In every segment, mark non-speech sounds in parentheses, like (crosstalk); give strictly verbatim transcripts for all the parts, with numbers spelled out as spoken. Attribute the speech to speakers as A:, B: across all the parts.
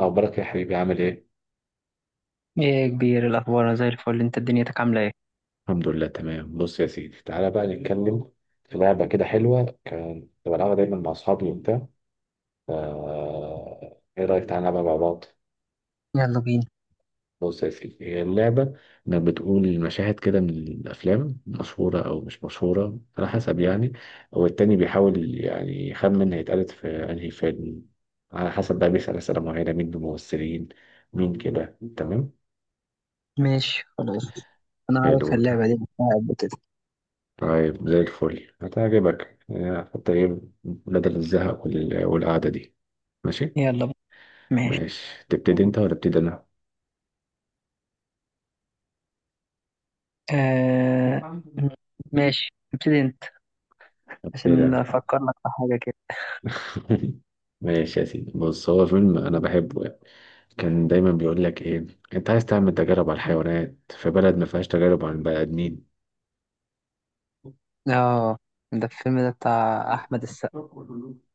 A: أخبارك يا حبيبي، عامل إيه؟
B: ايه يا كبير الاخبار، أنا زي الفل. انت دنيتك عامله ايه؟
A: الحمد لله تمام. بص يا سيدي، تعالى بقى نتكلم في لعبة كده حلوة كنت بلعبها دايما مع أصحابي وبتاع. آه... إيه رأيك تعالى نلعبها مع بعض؟
B: يلا بينا.
A: بص يا سيدي، هي اللعبة انك بتقول مشاهد كده من الافلام، مشهوره او مش مشهوره على حسب يعني، والتاني بيحاول يعني يخمن هيتقالت في انهي فيلم. على حسب بقى بيسأل اسئله معينه، مين الممثلين، مين، كده تمام.
B: ماشي، خلاص. انا
A: حلو
B: عارف
A: ده.
B: اللعبه دي بتلعب كده.
A: طيب زي الفل هتعجبك. آه، حتى ايه بدل الزهق وال- والقعدة دي. ماشي.
B: يلا بينا. ماشي.
A: ماشي، تبتدي انت ولا ابتدي انا؟
B: آه... ماشي، ابتدي انت
A: ابتدي
B: عشان
A: انا.
B: افكر لك في حاجه كده.
A: (laughs) ماشي يا سيدي. بص، هو فيلم انا بحبه يعني، كان دايما بيقول لك ايه: انت عايز تعمل تجارب على الحيوانات في بلد ما فيهاش تجارب على البني ادمين.
B: اه، ده الفيلم ده بتاع احمد السقا،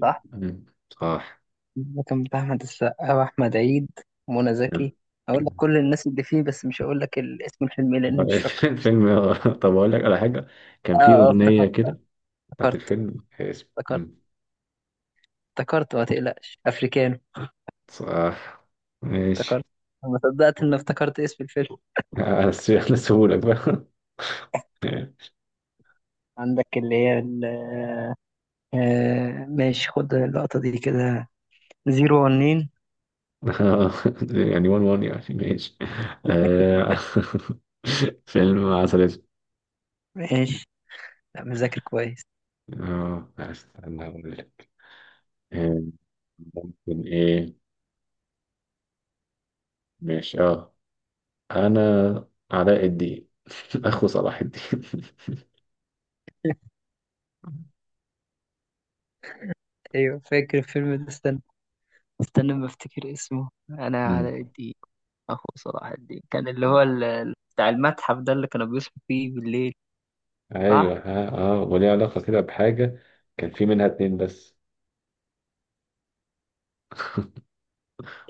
B: صح.
A: مم. صح.
B: ده كان بتاع احمد السقا واحمد عيد ومنى زكي. اقول لك
A: (laughs)
B: كل الناس اللي فيه بس مش هقول لك ال- اسم الفيلم إيه لاني مش فاكره.
A: الفيلم. آه، طب اقول لك على حاجة. كان
B: اه.
A: في
B: اه،
A: اغنية
B: افتكرت
A: كده بتاعت الفيلم اسم.
B: افتكرت افتكرت افتكرت، ما تقلقش، افريكانو.
A: صح. ماشي.
B: افتكرت. ما صدقت ان افتكرت اسم الفيلم.
A: آه، بس احنا سهولك بقى.
B: عندك اللي هي ال آه، ماشي، خد اللقطة دي كده، زيرو ونين.
A: (laughs) يعني وان وان يعني، ماشي. آه، (laughs) فيلم عسل أسود.
B: ماشي. لا، مذاكر كويس.
A: اه استنى اقول لك. آه، ممكن ايه. ماشي اه. انا علاء الدين. (laughs) اخو صلاح الدين.
B: ايوه، فاكر الفيلم ده. استنى استنى، ما افتكر اسمه، انا
A: (laughs)
B: علاء
A: مم.
B: الدين اخو صلاح الدين، كان اللي هو ال- ال- بتاع المتحف ده اللي كانوا بيصحوا فيه بالليل. صح.
A: ايوه، ها، اه، وليه علاقة كده بحاجة. كان في منها اتنين بس.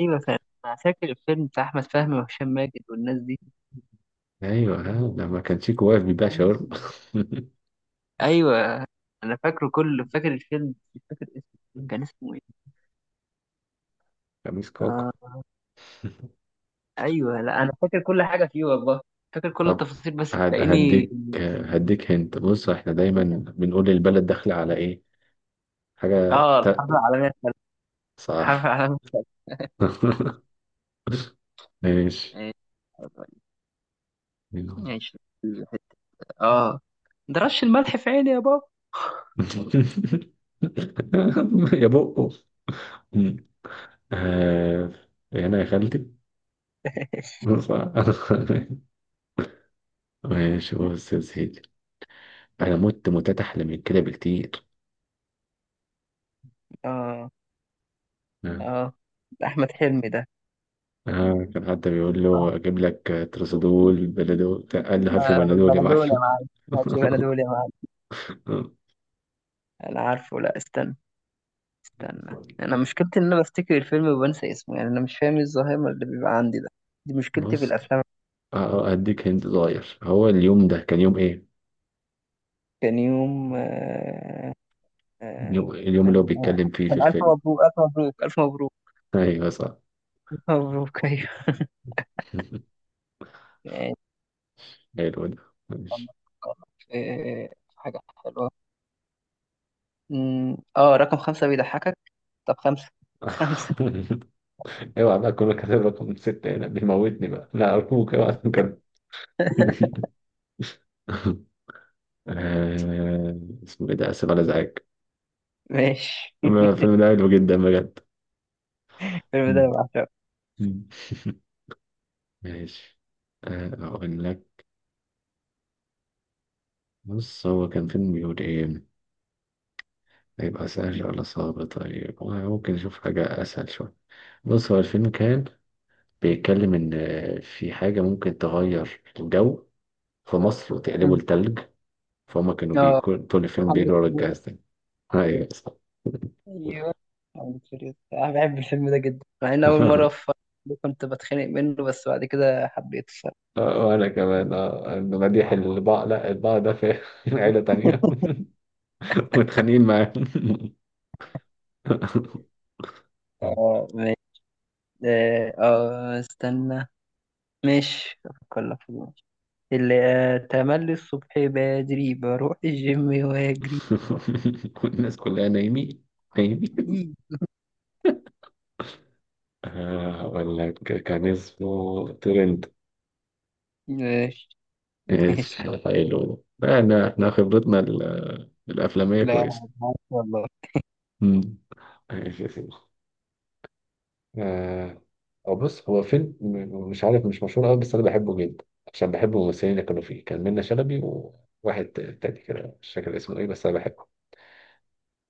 B: ايوه فاهم. انا فاكر الفيلم بتاع احمد فهمي وهشام ماجد والناس دي.
A: ايوه ها، لما كان شيكو واقف بيبيع شاورما.
B: ايوه، انا فاكره كله، فاكر الفيلم مش فاكر اسمه.
A: (laughs)
B: كان اسمه ايه؟
A: خميس كاكا.
B: آه، ايوه، لا انا فاكر كل حاجه فيه والله، فاكر كل
A: طب،
B: التفاصيل بس
A: هد-
B: تلاقيني.
A: هديك، هديك هنت بص، احنا دايما بنقول البلد داخلة على ايه، حاجة
B: اه،
A: ت...
B: الحرب العالميه الثالثه. الحرب
A: صح.
B: العالميه.
A: (laughs) ماشي.
B: إيه، ماشي الحته. اه. ده رش الملح في عيني يا بابا.
A: (laughs) يا بقه، آه، هنا يا خالتي. (laughs) صح. ماشي، بص يا سيدي، انا مت موتات احلى من كده بكتير.
B: اه.
A: آه.
B: اه، ده احمد حلمي ده،
A: آه، كان حتى بيقول
B: صح.
A: له اجيب لك ترسدول بلدول، قال له هات لي
B: آه،
A: بنادول يا
B: بلدول يا
A: معلم.
B: معلم، ماشي بلدول يا معلم.
A: (laughs)
B: انا عارفه، لا استنى. استنى، انا مشكلتي ان انا بفتكر الفيلم وبنسى اسمه، يعني انا مش فاهم إيه الزهايمر اللي بيبقى عندي ده. دي مشكلتي في
A: بص، أ-
B: الافلام.
A: أديك هنت صغير. هو اليوم ده كان يوم إيه؟
B: كان يوم آه، آه،
A: يوم- اليوم اللي هو
B: تمام آه،
A: بيتكلم فيه في
B: كان ألف
A: الفيلم.
B: مبروك ألف مبروك ألف مبروك.
A: أيوه صح.
B: ألف مبروك، (laughs) أيوه.
A: (laughs)
B: آه،
A: حلو ده.
B: طب
A: ماشي.
B: نفكر في في حاجة حلوة. أمم، آه، رقم خمسة بيضحكك. طب خمسة، (laughs) خمسة.
A: (laughs) اوعى بقى، كله كاتب رقم ستة. هنا بيموتني بقى، لا أرجوك اوعى تنكر. (laughs) آه، اسمه إيه ده، آسف على إزعاج.
B: ماشي.
A: ما- الفيلم ده حلو جدا بجد.
B: الفيلم ده أنا
A: مم.
B: بعشقه.
A: مم. (laughs) ماشي. آه، أقول لك. بص، هو كان فيلم بيقول إيه؟ هيبقى سهل ولا صعب؟ طيب، ممكن نشوف حاجة أسهل شوية. بص هو الفيلم كان بيتكلم إن في حاجة ممكن تغير الجو في مصر وتقلبه
B: أمم.
A: لتلج. فهم كانوا
B: آه،
A: بيكون طول الفيلم
B: محمد
A: بيجروا ورا
B: فلوجة.
A: الجهاز ده. أيوة صح.
B: أيوه، محمد فلوجة. أنا بحب الفيلم ده جدا، مع إن أول مرة
A: (laughs)
B: في كنت بتخانق منه بس بعد كده حبيته الصراحة.
A: آه، وأنا كمان. آه، إنه مديح البعض لا البعض ده في (laughs) عيلة تانية.
B: (laughs)
A: (laughs) متخانقين معاه. (laughs)
B: آه ماشي. آه، آه، استنى. ماشي، أفكر لك في اللي أتملي الصبح بدري بروح الجيم وأجري.
A: والناس كلها نايمين، نايمين.
B: إيه.
A: آه، أقول لك، كان اسمه ترند.
B: ماشي.
A: ماشي.
B: ماشي،
A: حلو ده. يعني احنا احنا خبرتنا ال- الافلاميه
B: لا،
A: كويسه.
B: معاك والله.
A: مم. ماشي يا سيدي. آه، هو بص، هو فيلم م- مش عارف، مش مشهور قوي، بس انا بحبه جدا عشان بحب الممثلين اللي كانوا فيه. كان منة شلبي وواحد تاني كده، مش فاكر اسمه ايه، بس انا بحبه.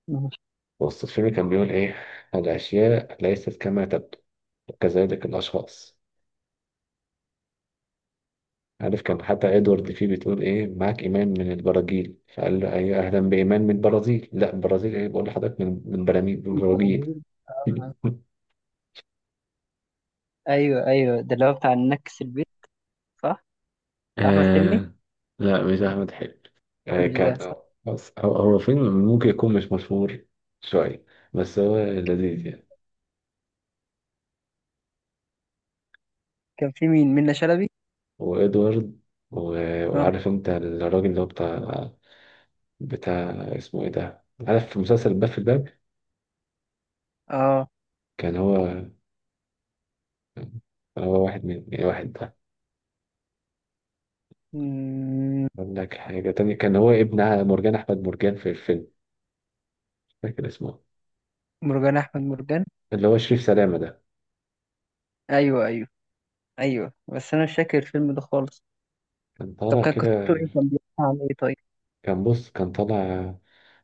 B: ماشي.
A: بص الفيلم كان بيقول ايه: الاشياء ليست كما تبدو، كذلك الاشخاص. عارف، كان حتى ادوارد فيه بتقول ايه: معاك ايمان من البراجيل، فقال له ايوه اهلا بايمان من البرازيل، لا البرازيل ايه، بقول لحضرتك من من براميل، من البراجيل. (laughs)
B: أيوه أيوه، ده اللي هو بتاع النكس البيت، صح؟ بتاع أحمد حلمي.
A: آه، لا مش احمد حلمي. آه
B: مش
A: كان،
B: ده، صح؟
A: بس هو، هو فيلم ممكن يكون مش مشهور شويه، بس هو لذيذ يعني.
B: كان في مين، منة شلبي؟
A: وادوارد، و-
B: اه.
A: وعارف انت الراجل اللي هو بتاع، بتاع، اسمه ايه ده، عارف في مسلسل الباب، في الباب.
B: اه.
A: كان هو، هو واحد من يعني واحد.
B: مم،
A: أقول لك حاجة تانية، كان هو ابن مرجان أحمد مرجان في الفيلم. مش فاكر اسمه.
B: مرجان أحمد مرجان.
A: اللي هو شريف سلامة ده.
B: أيوه أيوه. أيوه، بس أنا مش فاكر الفيلم ده خالص.
A: كان
B: طب
A: طالع
B: كان قصته
A: كده.
B: إيه، كان بيحكي عن إيه طيب؟
A: كان بص، كان طالع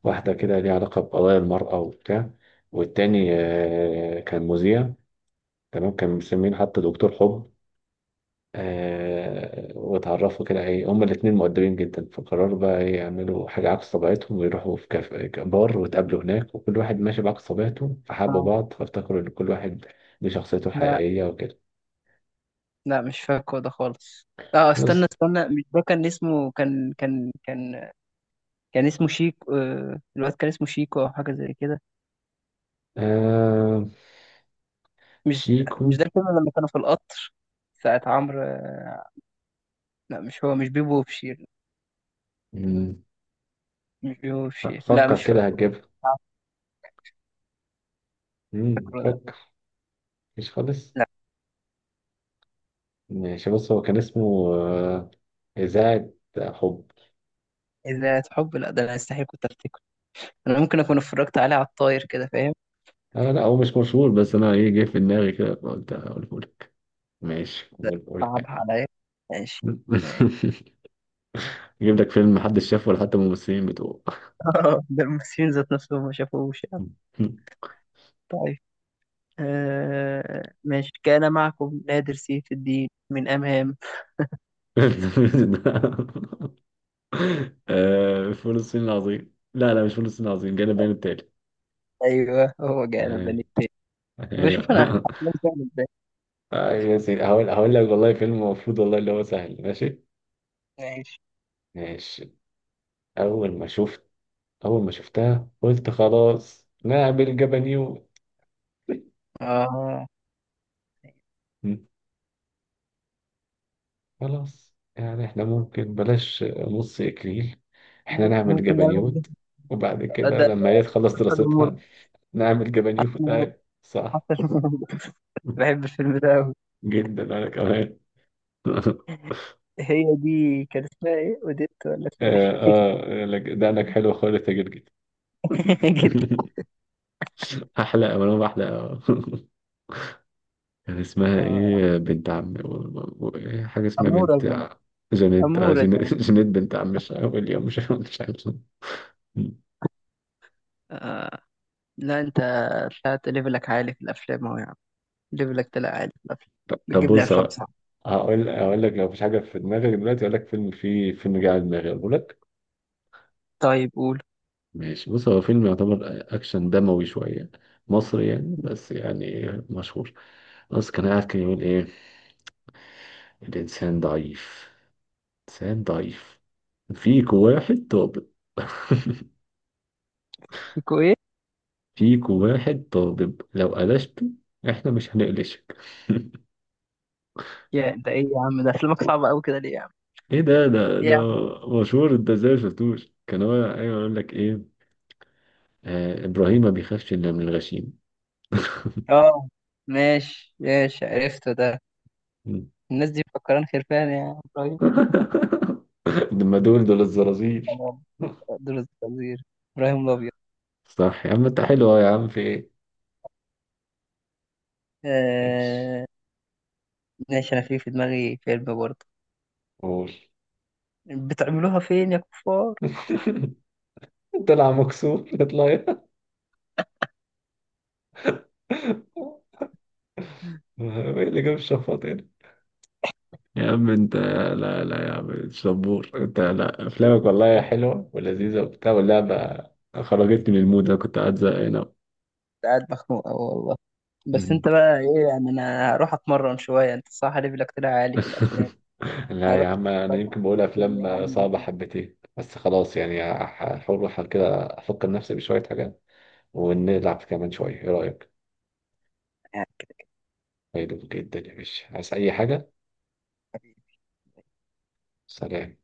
A: واحدة كده ليها علاقة بقضايا المرأة وبتاع، والتاني آه، كان مذيع تمام، كان مسمين حتى دكتور حب. آه، واتعرفوا كده ايه، هما الاتنين مؤدبين جدا فقرروا بقى ايه يعملوا حاجة عكس طبيعتهم ويروحوا في كاف بار، واتقابلوا هناك وكل واحد ماشي بعكس طبيعته، فحبوا
B: آه.
A: بعض فافتكروا ان كل واحد ليه شخصيته
B: لا
A: الحقيقية وكده.
B: لا، مش فاكره ده خالص. اه استنى
A: بص.
B: استنى، مش ده كان اسمه، كان كان كان كان اسمه شيكو. آه، الواد كان اسمه شيكو او حاجه زي كده.
A: آه
B: مش
A: شيكو.
B: مش ده الفيلم لما كانوا في القطر ساعة عمرو؟ آه، لا، مش هو، مش بيبو وبشير.
A: مم.
B: مش بيبو وبشير، لا
A: فكر
B: مش
A: كده
B: فاكره.
A: هتجيبها.
B: آه،
A: مم،
B: فاكره ده.
A: فكر. مش خالص.
B: لا.
A: ماشي. بص، هو كان اسمه آه إذاعة حب.
B: إذا حب؟ لا، ده انا استحيل كنت افتكره. انا ممكن اكون اتفرجت عليه على الطاير كده، فاهم؟
A: آه لا هو مش مشهور، بس أنا إيه جه في دماغي كده فقلت أقوله لك. ماشي، قول قول
B: صعب
A: حاجة.
B: عليا. ماشي. ماشي.
A: (laughs) أجيب لك فيلم محدش شافه ولا حتى الممثلين بتوعه. (laughs)
B: (laughs) ده الممثلين ذات نفسهم ما شافوش يعني. طيب. آه، ماشي، كان معكم نادر سيف الدين من أمام.
A: آه فول الصين العظيم، لا لا مش فول الصين العظيم، جانا البيان التالي.
B: أيوه، هو جانا بني التاني. بشوف أنا
A: أيوه. (laughs)
B: حفلات بتعمل إزاي.
A: آه يا سيدي، هقول هقول لك والله فيلم المفروض والله اللي هو سهل. ماشي.
B: ماشي.
A: ماشي. أول ما شفت أول ما شفتها قلت خلاص نعمل جبنيو.
B: آه.
A: م. خلاص يعني احنا ممكن بلاش نص إكليل، احنا
B: ممكن،
A: نعمل
B: ممكن نعمل.
A: جبنيوت، وبعد
B: ده
A: كده
B: ده
A: لما هي تخلص
B: حتى جمهور،
A: دراستها نعمل
B: حتى
A: جبنيوت
B: جمهور،
A: أهي. صح.
B: حتى جمهور. (laughs) بحب الفيلم ده أوي.
A: جدا، أنا كمان. (laughs)
B: هي دي كان اسمها إيه، أوديت ولا اسمها
A: آه
B: إيه؟
A: آه لك- ده أنك حلو خالص يا جدجد.
B: (laughs) جرجر.
A: (laughs) أحلى أوي، أنا أحلى أوي. (laughs) كان اسمها
B: آه،
A: إيه بنت عم و- و- إيه، حاجة اسمها
B: أمورة
A: بنت
B: زمان.
A: ع- جانيت، آه،
B: أمورة
A: جاني-
B: زمان.
A: (laughs) جانيت بنت عم، مش اليوم، مش مش عارف.
B: آه. لا، أنت طلعت ليفلك عالي في الأفلام أهو يا عم. ليفلك طلع عالي في الأفلام.
A: ط- طب
B: بتجيب لي
A: بص
B: أفلام
A: بقى،
B: صعبة.
A: هقول هقول لك لو مفيش حاجة في دماغك دلوقتي. هقول لك فيلم، فيه فيلم جه على دماغي أقول لك.
B: طيب قول.
A: ماشي، بص هو فيلم يعتبر أكشن دموي شوية، مصري يعني، بس يعني مشهور. بس كان قاعد كان يقول إيه: الإنسان ضعيف، إنسان ضعيف، فيك واحد طابق. (laughs)
B: (laughs)
A: فيكو واحد طالب لو قلشته احنا مش هنقلشك.
B: يا، ده ايه يا عم، ده افلامك صعبة قوي كده ليه يا عم؟
A: (laughs) ايه ده ده
B: إيه
A: ده
B: يا عم؟
A: مشهور، انت ازاي مشفتوش، كان هو ايوه يقول لك ايه: آه ابراهيم ما بيخافش الا من الغشيم.
B: اه ماشي، ماشي عرفته ده.
A: مم.
B: الناس دي مفكران خرفان يا ابراهيم.
A: (laughs) لما دول دول الزرازير.
B: تمام.
A: (laughs)
B: دول الخنزير. ابراهيم الابيض.
A: صح يا عم انت، حلو أهو يا عم، في ايه. ماشي.
B: آه ماشي. انا في في دماغي فيلم برضه.
A: قول.
B: بتعملوها فين يا كفار؟
A: (laughs) طلع مكسور، اطلع. (laughs) ايه اللي جاب الشفاط. يا عم انت، لا لا يا عم مش صبور، انت لا افلامك
B: كنت
A: والله حلوه ولذيذه وبتاع واللعبه خرجتني من المود، انا كنت قاعد زهقان أوي.
B: قاعد مخنوق أوي والله. بس
A: مم.
B: انت بقى ايه يعني، انا هروح اتمرن شوية. انت صح، ليفلك طلع عالي في الافلام.
A: (laughs) لا
B: هروح
A: يا عم، انا يمكن بقول
B: أتمرن يا
A: افلام صعبه حبتين، بس خلاص يعني هح- هحاول، احاول كده افكر نفسي بشويه حاجات، ونلعب كمان شويه، ايه رايك؟
B: عم.
A: حلو جدا يا باشا، عايز اي حاجه؟ سلام.